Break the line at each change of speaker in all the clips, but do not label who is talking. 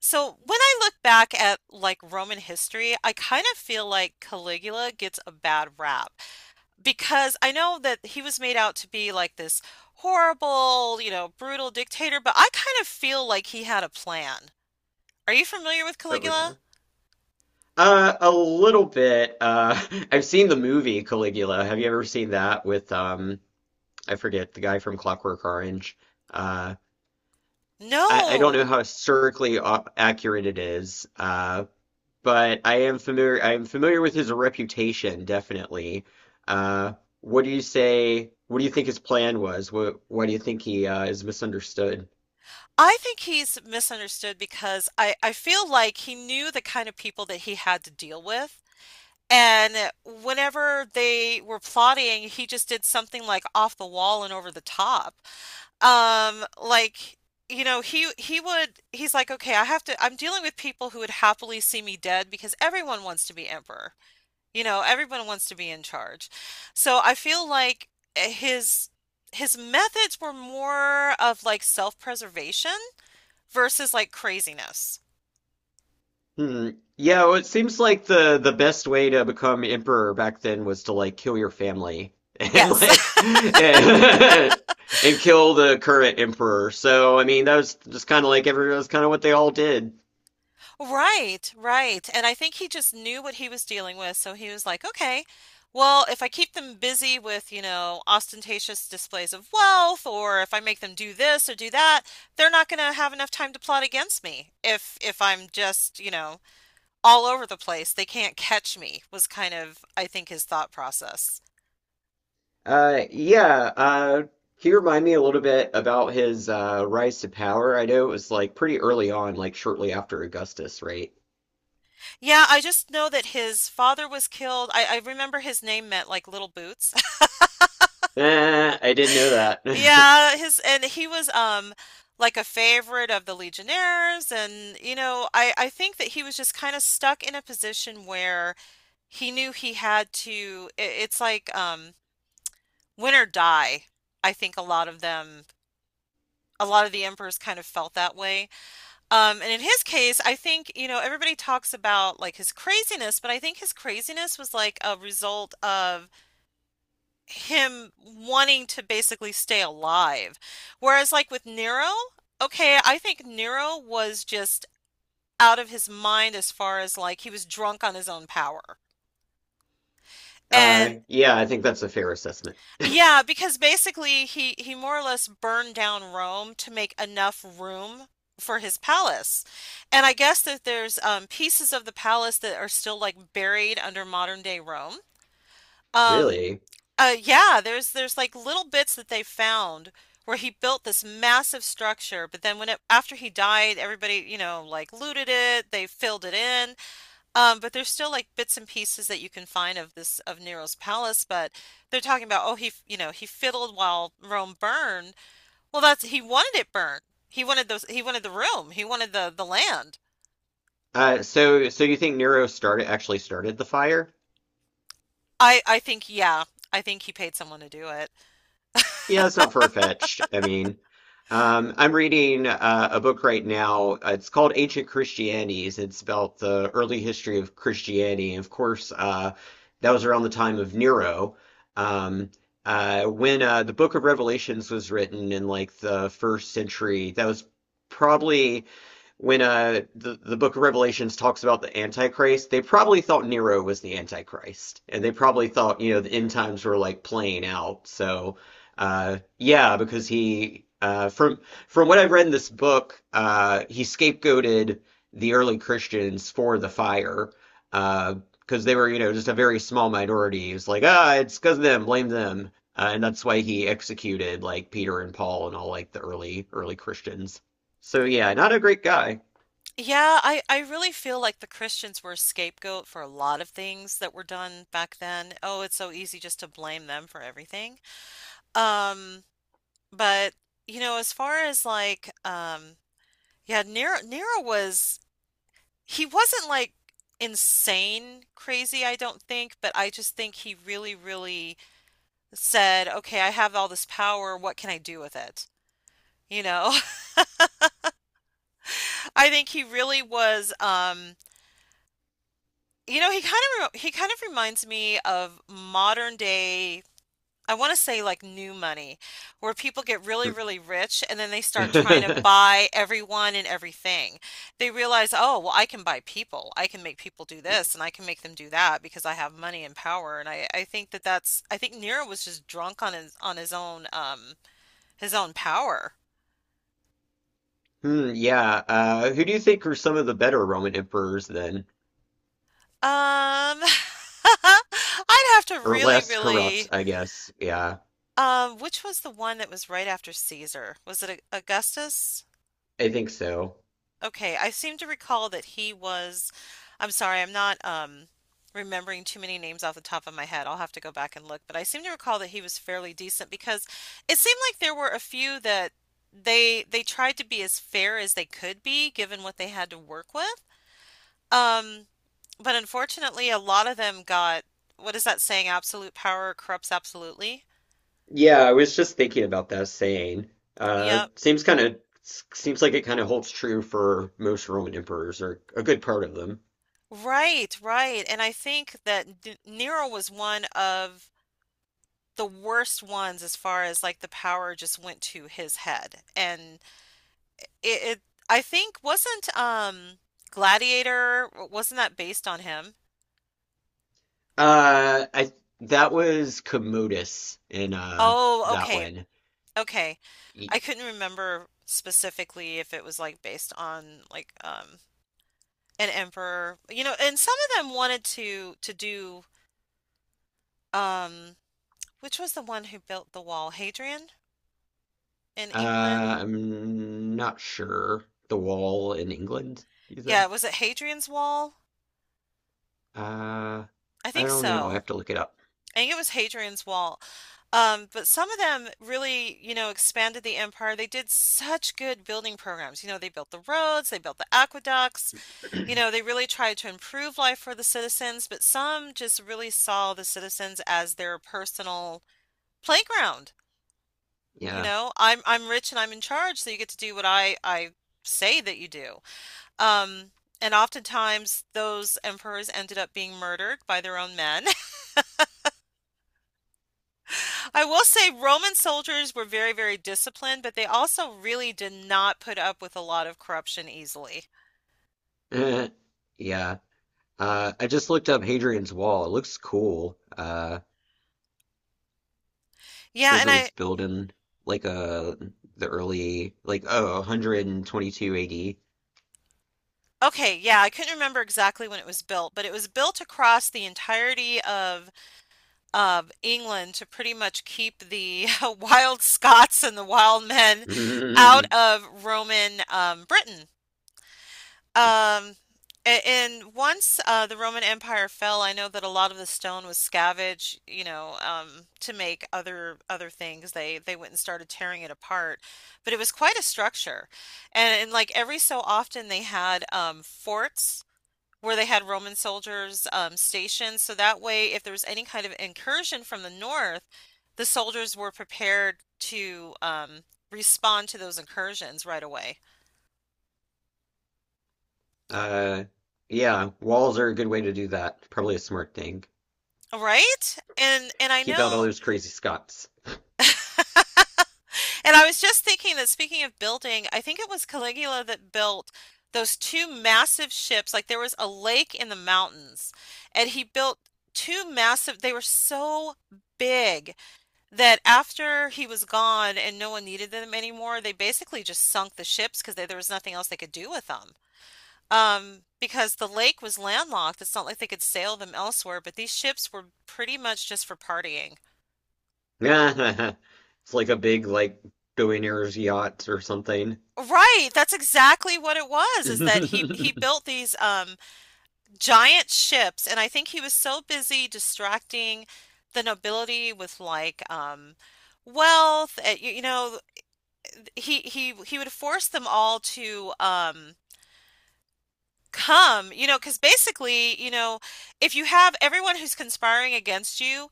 So when I look back at like Roman history, I kind of feel like Caligula gets a bad rap because I know that he was made out to be like this horrible, you know, brutal dictator, but I kind of feel like he had a plan. Are you familiar with
Oh
Caligula?
yeah. A little bit. I've seen the movie Caligula. Have you ever seen that with I forget the guy from Clockwork Orange. Uh, I don't
No.
know how accurate it is. But I am familiar. I am familiar with his reputation, definitely. Uh, what do you say? What do you think his plan was? What Why do you think he is misunderstood?
I think he's misunderstood because I feel like he knew the kind of people that he had to deal with. And whenever they were plotting, he just did something like off the wall and over the top. Um, like, you know, he's like, okay, I have to I'm dealing with people who would happily see me dead because everyone wants to be emperor. You know, everyone wants to be in charge. So I feel like eh, his his methods were more of like self-preservation versus like craziness.
Hmm. Yeah, well, it seems like the best way to become emperor back then was to like kill your family and
Yes.
like kill the current emperor. So I mean, that was just kind of like every that's kind of what they all did.
Right, right. And I think he just knew what he was dealing with, so he was like, okay, well, if I keep them busy with, you know, ostentatious displays of wealth, or if I make them do this or do that, they're not going to have enough time to plot against me. If I'm just, you know, all over the place, they can't catch me, was kind of, I think, his thought process.
Yeah. Can you remind me a little bit about his rise to power? I know it was like pretty early on, like shortly after Augustus, right?
Yeah, I just know that his father was killed. I remember his name meant like little boots.
Eh, I didn't know that.
Yeah, his and he was like a favorite of the Legionnaires, and you know, I think that he was just kind of stuck in a position where he knew he had to I it's like win or die. I think a lot of the emperors kind of felt that way. And in his case, I think, you know, everybody talks about like his craziness, but I think his craziness was like a result of him wanting to basically stay alive. Whereas, like with Nero, okay, I think Nero was just out of his mind as far as like he was drunk on his own power. And
Yeah, I think that's a fair assessment.
yeah, because basically he more or less burned down Rome to make enough room for his palace. And I guess that there's pieces of the palace that are still like buried under modern day Rome. Um,
Really?
Yeah, there's like little bits that they found where he built this massive structure, but then when it after he died, everybody, you know, like looted it, they filled it in. But there's still like bits and pieces that you can find of Nero's palace, but they're talking about oh you know, he fiddled while Rome burned. Well, that's he wanted it burned. He wanted the room. He wanted the land.
So you think Nero started actually started the fire?
I I think yeah, I think he paid someone to do it.
Yeah, it's not far-fetched. I mean, I'm reading a book right now. It's called Ancient Christianities. It's about the early history of Christianity. And of course, that was around the time of Nero. Um, when the Book of Revelations was written in like the first century, that was probably when the book of Revelations talks about the Antichrist, they probably thought Nero was the Antichrist. And they probably thought, you know, the end times were like playing out. So yeah, because he from what I've read in this book, he scapegoated the early Christians for the fire. Uh because they were, you know, just a very small minority. He was like, ah, it's because of them, blame them. And that's why he executed like Peter and Paul and all like the early Christians. So yeah, not a great guy.
Yeah, I really feel like the Christians were a scapegoat for a lot of things that were done back then. Oh, it's so easy just to blame them for everything. Um, but You know, as far as like, yeah, Nero was he wasn't like insane crazy, I don't think, but I just think he really, really said, okay, I have all this power, what can I do with it? You know, I think he really was. You know, he kind of reminds me of modern day, I want to say like new money, where people get really, really rich and then they start trying to buy everyone and everything. They realize, oh, well, I can buy people. I can make people do this and I can make them do that because I have money and power. And I think that that's, I think Nero was just drunk on his own power.
Hmm, yeah. Who do you think are some of the better Roman emperors then?
Um, I'd have to
Or
really,
less corrupt,
really
I guess. Yeah,
Which was the one that was right after Caesar? Was it Augustus?
I think so.
Okay, I seem to recall that he was. I'm sorry, I'm not remembering too many names off the top of my head. I'll have to go back and look, but I seem to recall that he was fairly decent because it seemed like there were a few that they tried to be as fair as they could be given what they had to work with. Um, but unfortunately, a lot of them got, what is that saying? Absolute power corrupts absolutely.
Yeah, I was just thinking about that saying. Uh,
Yep.
seems kind of seems like it kind of holds true for most Roman emperors, or a good part of them.
Right, right. And I think that D Nero was one of the worst ones as far as like the power just went to his head. And it I think wasn't Gladiator, wasn't that based on him?
I that was Commodus in
Oh,
that
okay.
one.
Okay. I
Y-
couldn't remember specifically if it was like based on like an emperor. You know, and some of them wanted to do um which was the one who built the wall? Hadrian in England?
I'm not sure. The wall in England, you said?
Yeah, was it Hadrian's Wall?
Uh,
I
I
think
don't know. I
so.
have to look it up.
I think it was Hadrian's Wall. But some of them really, you know, expanded the empire. They did such good building programs. You know, they built the roads, they built the aqueducts. You know, they really tried to improve life for the citizens, but some just really saw the citizens as their personal playground. You
Yeah.
know, I'm rich and I'm in charge, so you get to do what I say that you do. Um, and oftentimes those emperors ended up being murdered by their own men. I will say Roman soldiers were very, very disciplined, but they also really did not put up with a lot of corruption easily.
Eh, yeah. I just looked up Hadrian's Wall. It looks cool. It
Yeah,
says
and
it was built in like uh the early oh 122 AD.
okay, yeah, I couldn't remember exactly when it was built, but it was built across the entirety of England to pretty much keep the wild Scots and the wild men out
Mm.
of Roman Britain. Um, and once the Roman Empire fell, I know that a lot of the stone was scavenged, you know, to make other things. They went and started tearing it apart, but it was quite a structure, and like every so often they had forts where they had Roman soldiers stationed, so that way if there was any kind of incursion from the north, the soldiers were prepared to respond to those incursions right away.
Uh, yeah. Walls are a good way to do that. Probably a smart thing.
Right? And I
Keep out all
know
those crazy Scots.
And I was just thinking that speaking of building, I think it was Caligula that built those two massive ships. Like there was a lake in the mountains, and he built two massive, they were so big that after he was gone and no one needed them anymore, they basically just sunk the ships because there was nothing else they could do with them. Because the lake was landlocked, it's not like they could sail them elsewhere, but these ships were pretty much just for partying.
It's like a big billionaire's yacht or something.
Right, that's exactly what it was, is that he built these giant ships, and I think he was so busy distracting the nobility with like wealth, you know, he would force them all to come, you know, because basically, you know, if you have everyone who's conspiring against you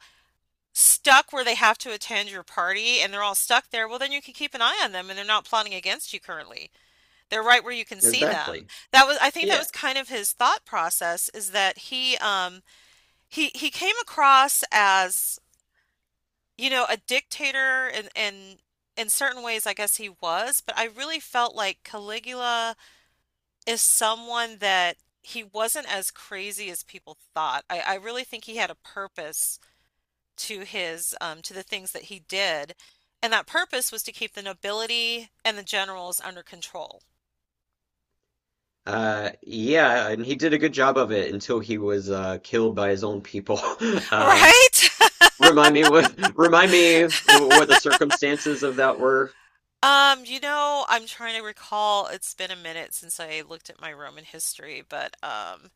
stuck where they have to attend your party and they're all stuck there, well then you can keep an eye on them and they're not plotting against you currently. They're right where you can see them.
Exactly.
That was, I think that
Yeah.
was kind of his thought process is that he came across as, you know, a dictator, and in certain ways I guess he was, but I really felt like Caligula is someone that he wasn't as crazy as people thought. I really think he had a purpose to his to the things that he did. And that purpose was to keep the nobility and the generals under control,
Yeah, and he did a good job of it until he was killed by his own people. Uh,
right?
remind me what the circumstances of that were.
You know, I'm trying to recall. It's been a minute since I looked at my Roman history, but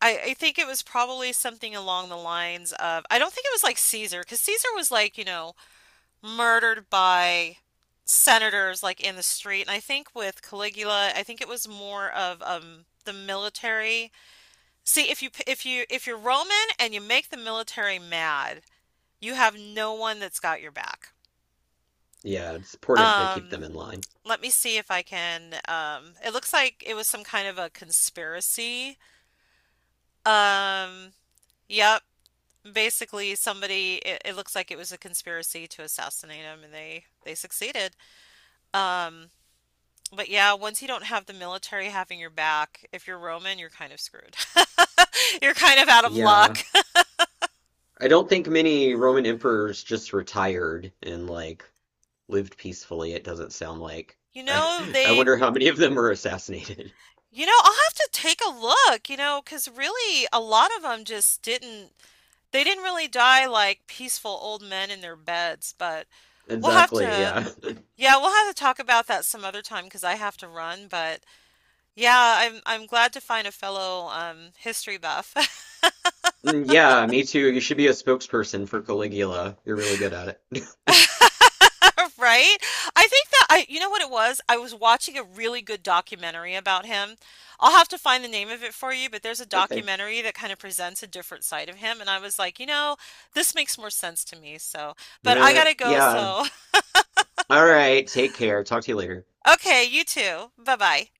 I think it was probably something along the lines of, I don't think it was like Caesar, because Caesar was like, you know, murdered by senators like in the street. And I think with Caligula, I think it was more of the military. See, if you if you're Roman and you make the military mad, you have no one that's got your back.
Yeah, it's important to keep
Um,
them in line.
Let me see if I can. It looks like it was some kind of a conspiracy. Um, yep. Basically, somebody. It looks like it was a conspiracy to assassinate him, and they succeeded. Um, but yeah, once you don't have the military having your back, if you're Roman, you're kind of screwed. You're kind of out of luck.
Yeah, I don't think many Roman emperors just retired and like lived peacefully. It doesn't sound like.
You
I,
know,
I
they
wonder how many of them were assassinated.
You know, I'll have to take a look, you know, 'cause really a lot of them just didn't they didn't really die like peaceful old men in their beds, but we'll have
Exactly,
to
yeah.
yeah, we'll have to talk about that some other time 'cause I have to run, but yeah, I'm glad to find a fellow history buff.
Yeah, me too. You should be a spokesperson for Caligula. You're really good at it.
Right? I think that I, you know what it was? I was watching a really good documentary about him. I'll have to find the name of it for you, but there's a
Okay.
documentary that kind of presents a different side of him. And I was like, you know, this makes more sense to me. So, but I
Eh,
gotta go.
yeah.
So,
All right, take care. Talk to you later.
okay, you too. Bye bye.